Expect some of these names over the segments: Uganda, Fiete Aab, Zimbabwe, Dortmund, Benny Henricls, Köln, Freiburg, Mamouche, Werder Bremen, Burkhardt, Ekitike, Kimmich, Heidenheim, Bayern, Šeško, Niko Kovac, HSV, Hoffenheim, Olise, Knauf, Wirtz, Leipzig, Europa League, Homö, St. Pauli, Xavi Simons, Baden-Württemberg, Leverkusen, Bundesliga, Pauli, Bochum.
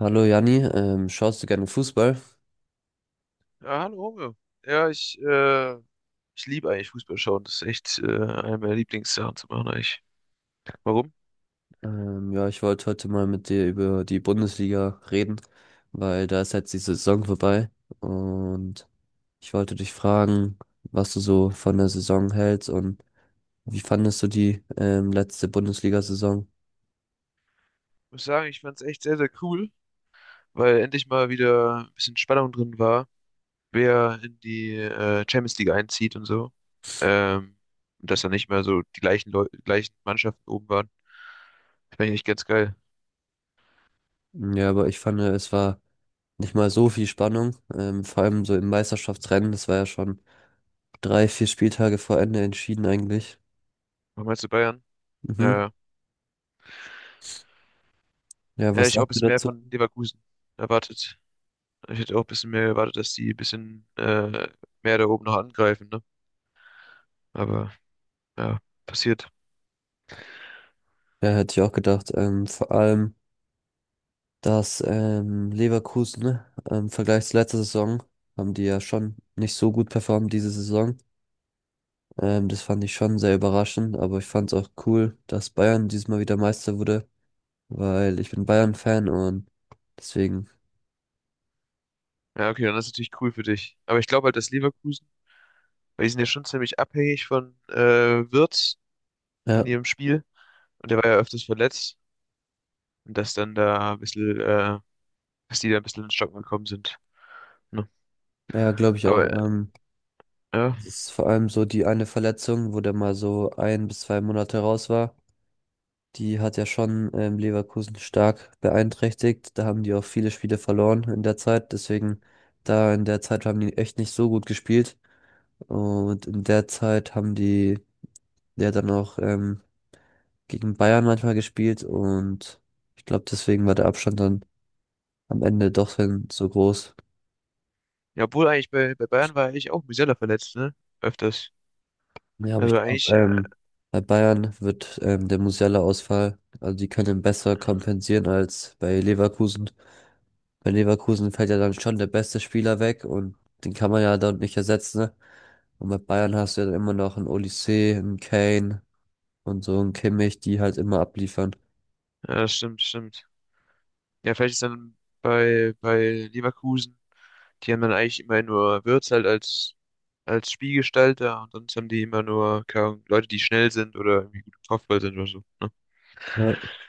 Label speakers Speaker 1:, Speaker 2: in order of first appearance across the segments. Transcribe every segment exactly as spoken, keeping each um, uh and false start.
Speaker 1: Hallo Janni, ähm, schaust du gerne Fußball?
Speaker 2: Ja, hallo Homö. Ja, ich, äh, Ich liebe eigentlich Fußball schauen. Das ist echt äh, eine meiner Lieblingssachen zu machen eigentlich. Warum?
Speaker 1: Ähm, ja, ich wollte heute mal mit dir über die Bundesliga reden, weil da ist jetzt die Saison vorbei und ich wollte dich fragen, was du so von der Saison hältst und wie fandest du die ähm, letzte Bundesliga-Saison?
Speaker 2: Ich muss sagen, ich fand es echt sehr, sehr cool, weil endlich mal wieder ein bisschen Spannung drin war, wer in die äh, Champions League einzieht und so. Ähm, und dass dann nicht mehr so die gleichen Leu gleichen Mannschaften oben waren. Das fand ich echt ganz geil.
Speaker 1: Ja, aber ich fand, es war nicht mal so viel Spannung, ähm, vor allem so im Meisterschaftsrennen, das war ja schon drei, vier Spieltage vor Ende entschieden eigentlich.
Speaker 2: Was meinst du Bayern?
Speaker 1: Mhm.
Speaker 2: Ja,
Speaker 1: Ja,
Speaker 2: hätte
Speaker 1: was
Speaker 2: ich auch ein
Speaker 1: sagst du
Speaker 2: bisschen mehr
Speaker 1: dazu?
Speaker 2: von Leverkusen erwartet. Ich hätte auch ein bisschen mehr erwartet, dass die ein bisschen äh, mehr da oben noch angreifen, ne? Aber. Ja, passiert.
Speaker 1: Ja, hätte ich auch gedacht. Ähm, vor allem dass ähm, Leverkusen ähm, im Vergleich zur letzten Saison haben die ja schon nicht so gut performt diese Saison. Ähm, das fand ich schon sehr überraschend, aber ich fand es auch cool, dass Bayern diesmal wieder Meister wurde, weil ich bin Bayern-Fan und deswegen,
Speaker 2: Ja, okay, dann ist natürlich cool für dich. Aber ich glaube halt, dass Leverkusen, weil die sind ja schon ziemlich abhängig von äh, Wirtz in
Speaker 1: ja,
Speaker 2: ihrem Spiel. Und der war ja öfters verletzt. Und dass dann da ein bisschen, äh, dass die da ein bisschen ins Stocken gekommen sind. Ne?
Speaker 1: ja, glaube ich auch.
Speaker 2: Aber
Speaker 1: Ähm,
Speaker 2: ja,
Speaker 1: es ist vor allem so die eine Verletzung, wo der mal so ein bis zwei Monate raus war. Die hat ja schon ähm, Leverkusen stark beeinträchtigt. Da haben die auch viele Spiele verloren in der Zeit. Deswegen, da in der Zeit haben die echt nicht so gut gespielt. Und in der Zeit haben die ja dann auch ähm, gegen Bayern manchmal gespielt. Und ich glaube, deswegen war der Abstand dann am Ende doch dann so groß.
Speaker 2: ja, obwohl eigentlich bei, bei Bayern war eigentlich auch Musiala verletzt, ne? Öfters.
Speaker 1: Ja, aber ich
Speaker 2: Also
Speaker 1: glaube,
Speaker 2: eigentlich, äh,
Speaker 1: ähm, bei Bayern wird ähm, der Musiala-Ausfall, also die können ihn besser kompensieren als bei Leverkusen. Bei Leverkusen fällt ja dann schon der beste Spieler weg und den kann man ja dort nicht ersetzen. Ne? Und bei Bayern hast du ja dann immer noch einen Olise, einen Kane und so einen Kimmich, die halt immer abliefern.
Speaker 2: ja, das stimmt, stimmt. Ja, vielleicht ist dann bei, bei Leverkusen, die haben dann eigentlich immer nur Wirtz halt als, als Spielgestalter und sonst haben die immer nur, keine Ahnung, Leute, die schnell sind oder irgendwie gut im Kopfball sind oder so. Ne?
Speaker 1: Ja.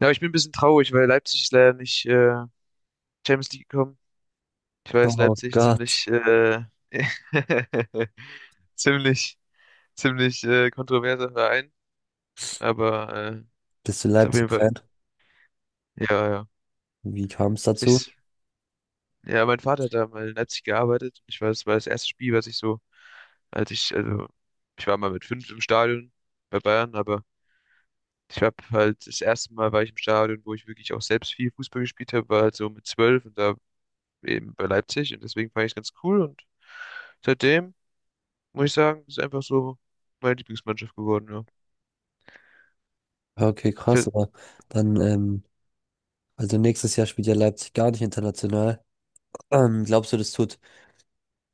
Speaker 2: Ja, aber ich bin ein bisschen traurig, weil Leipzig ist leider nicht äh, Champions League gekommen. Ich weiß,
Speaker 1: Oh
Speaker 2: Leipzig
Speaker 1: Gott,
Speaker 2: ziemlich, äh, ziemlich, ziemlich äh, kontroverser Verein, aber äh,
Speaker 1: bist du
Speaker 2: ist auf jeden Fall,
Speaker 1: Leipzig-Fan?
Speaker 2: ja, ja.
Speaker 1: Wie kam es dazu?
Speaker 2: Sich Ja, mein Vater hat da mal in Leipzig gearbeitet. Ich weiß, es war das erste Spiel, was ich so, als ich, also, ich war mal mit fünf im Stadion bei Bayern, aber ich habe halt, das erste Mal war ich im Stadion, wo ich wirklich auch selbst viel Fußball gespielt habe, war halt so mit zwölf und da eben bei Leipzig und deswegen fand ich es ganz cool und seitdem, muss ich sagen, ist einfach so meine Lieblingsmannschaft geworden, ja.
Speaker 1: Ja, okay, krass,
Speaker 2: Fe-
Speaker 1: aber dann, ähm, also nächstes Jahr spielt ja Leipzig gar nicht international. Ähm, glaubst du, das tut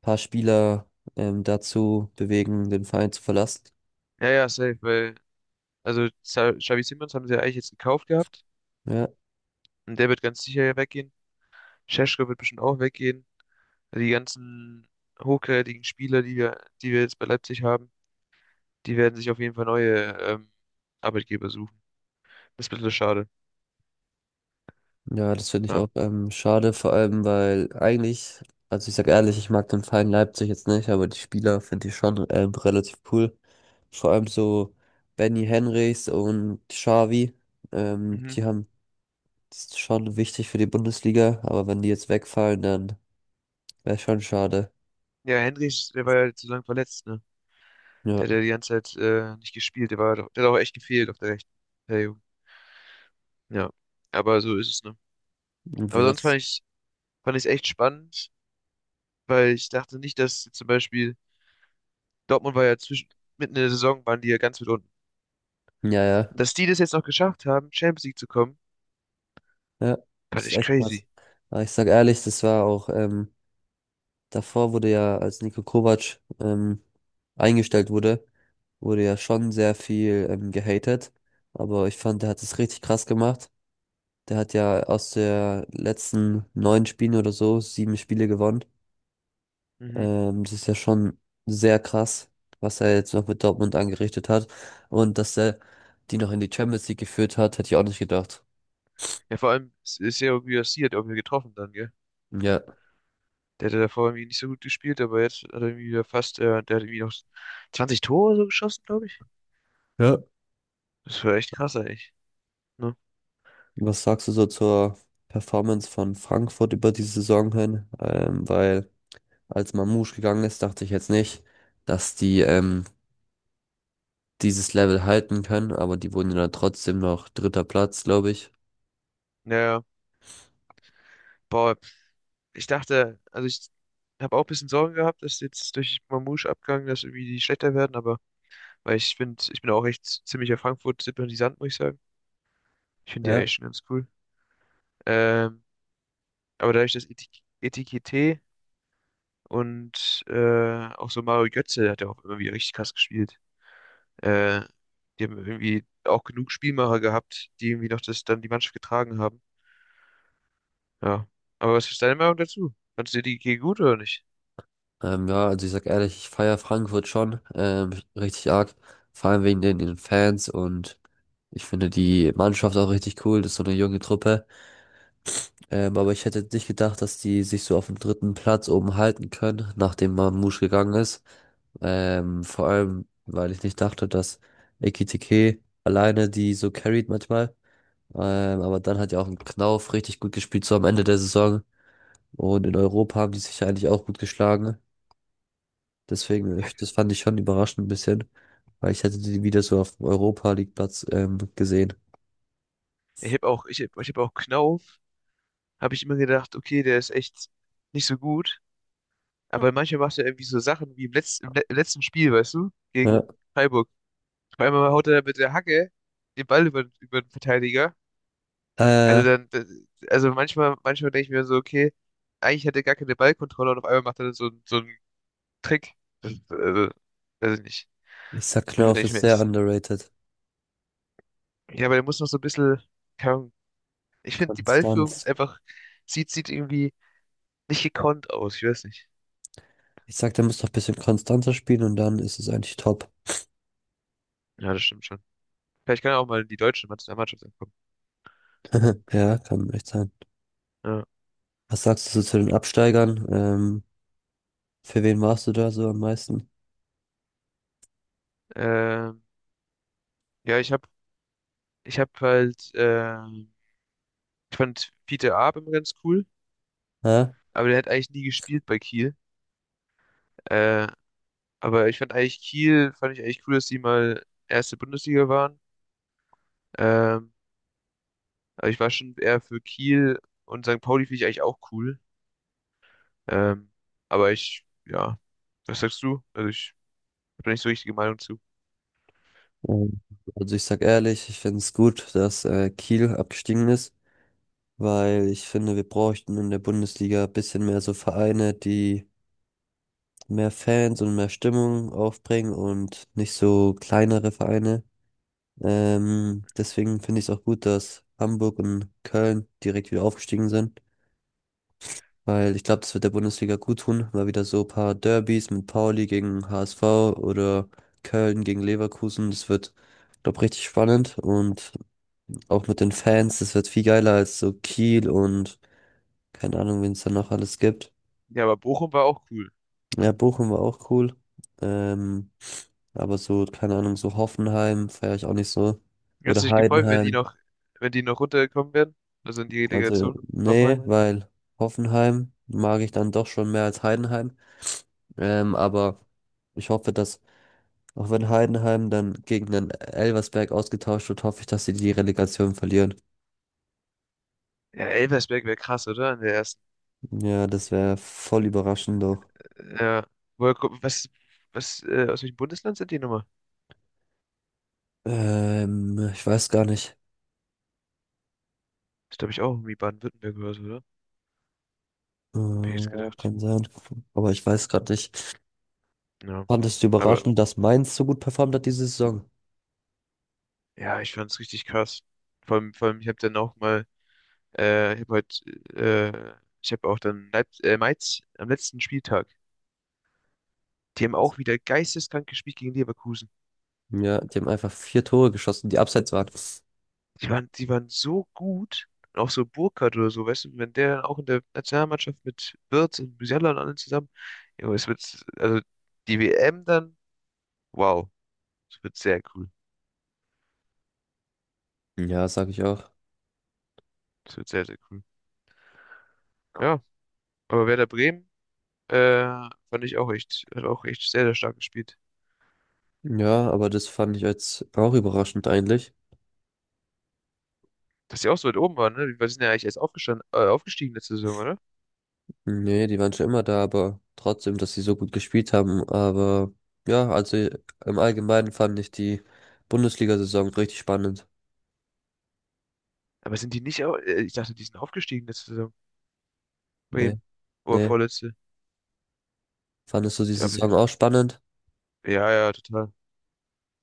Speaker 1: ein paar Spieler ähm, dazu bewegen, den Verein zu verlassen?
Speaker 2: Ja, ja, safe, weil, also, Xa- Xavi Simons haben sie ja eigentlich jetzt gekauft gehabt
Speaker 1: Ja.
Speaker 2: und der wird ganz sicher ja weggehen. Šeško wird bestimmt auch weggehen. Die ganzen hochkarätigen Spieler, die wir, die wir jetzt bei Leipzig haben, die werden sich auf jeden Fall neue ähm, Arbeitgeber suchen. Das ist ein bisschen schade.
Speaker 1: Ja, das finde ich
Speaker 2: Ja.
Speaker 1: auch ähm, schade, vor allem, weil eigentlich, also ich sag ehrlich, ich mag den Verein Leipzig jetzt nicht, aber die Spieler finde ich schon ähm, relativ cool. Vor allem so Benny Henrichs und Xavi, ähm,
Speaker 2: Mhm.
Speaker 1: die haben das ist schon wichtig für die Bundesliga, aber wenn die jetzt wegfallen, dann wäre schon schade.
Speaker 2: Ja, Henrich, der war ja zu lang verletzt, ne?
Speaker 1: Ja,
Speaker 2: Der hat ja die ganze Zeit äh, nicht gespielt. Der war, doch- der hat auch echt gefehlt auf der rechten. Der Ja. Aber so ist es, ne?
Speaker 1: irgendwie
Speaker 2: Aber sonst fand
Speaker 1: was.
Speaker 2: ich, fand ich es echt spannend, weil ich dachte nicht, dass zum Beispiel Dortmund war ja zwischen, mitten in der Saison waren die ja ganz weit unten.
Speaker 1: Ja, ja,
Speaker 2: Und dass die das jetzt noch geschafft haben, Champions League zu kommen,
Speaker 1: ja, das
Speaker 2: fand
Speaker 1: ist
Speaker 2: ich
Speaker 1: echt krass.
Speaker 2: crazy.
Speaker 1: Aber ich sag ehrlich, das war auch ähm, davor wurde ja, als Niko Kovac ähm, eingestellt wurde, wurde ja schon sehr viel ähm, gehatet. Aber ich fand, der hat es richtig krass gemacht. Der hat ja aus der letzten neun Spielen oder so sieben Spiele gewonnen.
Speaker 2: Mhm.
Speaker 1: Ähm, das ist ja schon sehr krass, was er jetzt noch mit Dortmund angerichtet hat. Und dass er die noch in die Champions League geführt hat, hätte ich auch nicht gedacht.
Speaker 2: Ja, vor allem es ist ja irgendwie passiert, irgendwie getroffen dann, gell?
Speaker 1: Ja.
Speaker 2: Der hatte davor irgendwie nicht so gut gespielt, aber jetzt hat er irgendwie wieder fast, äh, der hat irgendwie noch zwanzig Tore so geschossen, glaube ich.
Speaker 1: Ja.
Speaker 2: Das war echt krass eigentlich. Ne?
Speaker 1: Was sagst du so zur Performance von Frankfurt über die Saison hin? Ähm, weil als Mamouche gegangen ist, dachte ich jetzt nicht, dass die ähm, dieses Level halten können, aber die wurden ja dann trotzdem noch dritter Platz, glaube ich.
Speaker 2: Naja, boah, ich dachte, also ich habe auch ein bisschen Sorgen gehabt, dass jetzt durch Mamouche Abgang, dass irgendwie die schlechter werden, aber weil ich finde, ich bin auch echt ziemlicher Frankfurt-Sympathisant, muss ich sagen. Ich finde die
Speaker 1: Ja.
Speaker 2: eigentlich schon ganz cool. Ähm, aber dadurch, dass Etik Etikette und äh, auch so Mario Götze hat ja auch immer wieder richtig krass gespielt. Äh, Die haben irgendwie auch genug Spielmacher gehabt, die irgendwie noch das dann die Mannschaft getragen haben. Ja. Aber was ist deine Meinung dazu? Fandst du die G gut oder nicht?
Speaker 1: Ähm, ja, also ich sag ehrlich, ich feiere Frankfurt schon ähm, richtig arg, vor allem wegen den, den Fans und ich finde die Mannschaft auch richtig cool, das ist so eine junge Truppe. Ähm, aber ich hätte nicht gedacht, dass die sich so auf dem dritten Platz oben halten können, nachdem Mamouche gegangen ist. Ähm, vor allem, weil ich nicht dachte, dass Ekitike alleine die so carried manchmal. Ähm, aber dann hat ja auch ein Knauf richtig gut gespielt, so am Ende der Saison. Und in Europa haben die sich ja eigentlich auch gut geschlagen. Deswegen, äh,
Speaker 2: Ja,
Speaker 1: das fand ich schon überraschend ein bisschen, weil ich hätte die wieder so auf dem Europa League Platz ähm, gesehen.
Speaker 2: ich habe auch, ich hab, ich hab auch Knauf, habe ich immer gedacht, okay, der ist echt nicht so gut. Aber manchmal macht er irgendwie so Sachen wie im, Letz-, im, le- im letzten Spiel, weißt du,
Speaker 1: Ja.
Speaker 2: gegen Freiburg. Auf einmal haut er mit der Hacke den Ball über, über den Verteidiger.
Speaker 1: Äh,
Speaker 2: Also dann, das- also manchmal, manchmal denke ich mir so, okay, eigentlich hat er gar keine Ballkontrolle und auf einmal macht er so, so einen Trick. Das, äh, weiß ich nicht.
Speaker 1: Ich sag,
Speaker 2: Manchmal
Speaker 1: Knauf
Speaker 2: denke ich
Speaker 1: ist
Speaker 2: mir
Speaker 1: sehr
Speaker 2: echt,
Speaker 1: underrated.
Speaker 2: ja, aber der muss noch so ein bisschen, keine Ahnung. Ich finde, die Ballführung ist
Speaker 1: Konstanz.
Speaker 2: einfach, sieht, sieht irgendwie nicht gekonnt aus. Ich weiß nicht.
Speaker 1: Ich sag, der muss noch ein bisschen konstanter spielen und dann ist es eigentlich top.
Speaker 2: Ja, das stimmt schon. Vielleicht kann er auch mal die deutsche Nationalmannschaft ankommen.
Speaker 1: Ja, kann echt sein.
Speaker 2: Ja,
Speaker 1: Was sagst du so zu den Absteigern? Ähm, für wen warst du da so am meisten?
Speaker 2: ähm, ja, ich habe ich hab halt, ähm, ich fand Fiete Aab immer ganz cool,
Speaker 1: Hä?
Speaker 2: aber der hat eigentlich nie gespielt bei Kiel. Äh, aber ich fand eigentlich Kiel, fand ich eigentlich cool, dass die mal erste Bundesliga waren. Ähm, Aber ich war schon eher für Kiel und Sankt Pauli finde ich eigentlich auch cool. Ähm, aber ich, ja, was sagst du? Also ich habe da nicht so richtige Meinung zu.
Speaker 1: Ähm, Also ich sag ehrlich, ich finde es gut, dass äh, Kiel abgestiegen ist, weil ich finde, wir bräuchten in der Bundesliga ein bisschen mehr so Vereine, die mehr Fans und mehr Stimmung aufbringen und nicht so kleinere Vereine. Ähm, deswegen finde ich es auch gut, dass Hamburg und Köln direkt wieder aufgestiegen sind, weil ich glaube, das wird der Bundesliga gut tun, mal wieder so ein paar Derbys mit Pauli gegen H S V oder Köln gegen Leverkusen, das wird, glaube richtig spannend und auch mit den Fans, das wird viel geiler als so Kiel und keine Ahnung, wen es da noch alles gibt.
Speaker 2: Ja, aber Bochum war auch cool.
Speaker 1: Ja,
Speaker 2: Ja.
Speaker 1: Bochum war auch cool. Ähm, aber so, keine Ahnung, so Hoffenheim feiere ich auch nicht so.
Speaker 2: Hättest du
Speaker 1: Oder
Speaker 2: dich gefreut, wenn die
Speaker 1: Heidenheim.
Speaker 2: noch, wenn die noch runtergekommen wären? Also in die
Speaker 1: Also,
Speaker 2: Relegation,
Speaker 1: nee,
Speaker 2: Hoffenheim?
Speaker 1: weil Hoffenheim mag ich dann doch schon mehr als Heidenheim. Ähm, aber ich hoffe, dass, auch wenn Heidenheim dann gegen den Elversberg ausgetauscht wird, hoffe ich, dass sie die Relegation verlieren.
Speaker 2: Ja, Elversberg wäre krass, oder? In der ersten.
Speaker 1: Ja, das wäre voll überraschend doch.
Speaker 2: Ja. Woher, ko- was, was, äh, aus welchem Bundesland sind die nochmal?
Speaker 1: Ähm, ich weiß gar nicht.
Speaker 2: Das glaube ich auch irgendwie Baden-Württemberg oder so, oder?
Speaker 1: Äh,
Speaker 2: Hab ich jetzt
Speaker 1: ja,
Speaker 2: gedacht.
Speaker 1: kann sein. Aber ich weiß gerade nicht.
Speaker 2: Ja.
Speaker 1: Fandest du
Speaker 2: Aber
Speaker 1: überraschend, dass Mainz so gut performt hat diese Saison?
Speaker 2: ja, ich fand's richtig krass. Vor allem, vor allem, ich habe dann auch mal. Äh, ich habe heute, äh, ich habe auch dann Leip äh, Mainz am letzten Spieltag. Die haben
Speaker 1: Was?
Speaker 2: auch wieder geisteskrank gespielt gegen Leverkusen.
Speaker 1: Ja, die haben einfach vier Tore geschossen, die abseits waren.
Speaker 2: Die waren, die waren so gut. Und auch so Burkhardt oder so, weißt du, wenn der dann auch in der Nationalmannschaft mit Wirtz und Musiala und allen zusammen, ja, es wird, also die W M dann, wow, es wird sehr cool.
Speaker 1: Ja, sag ich auch.
Speaker 2: Es wird sehr, sehr cool. Ja, aber Werder Bremen, äh, fand ich auch echt, hat auch echt sehr, sehr stark gespielt.
Speaker 1: Ja, aber das fand ich jetzt auch überraschend eigentlich.
Speaker 2: Dass sie auch so weit oben waren, ne? Wir sind ja eigentlich erst aufgestanden, äh, aufgestiegen letzte Saison, oder?
Speaker 1: Nee, die waren schon immer da, aber trotzdem, dass sie so gut gespielt haben. Aber ja, also im Allgemeinen fand ich die Bundesliga-Saison richtig spannend.
Speaker 2: Aber sind die nicht auch? äh, Ich dachte, die sind aufgestiegen letzte Saison.
Speaker 1: Nee,
Speaker 2: Bremen. Oder
Speaker 1: nee.
Speaker 2: vorletzte.
Speaker 1: Fandest du die
Speaker 2: Ich hab,
Speaker 1: Saison auch spannend?
Speaker 2: ja, ja, total.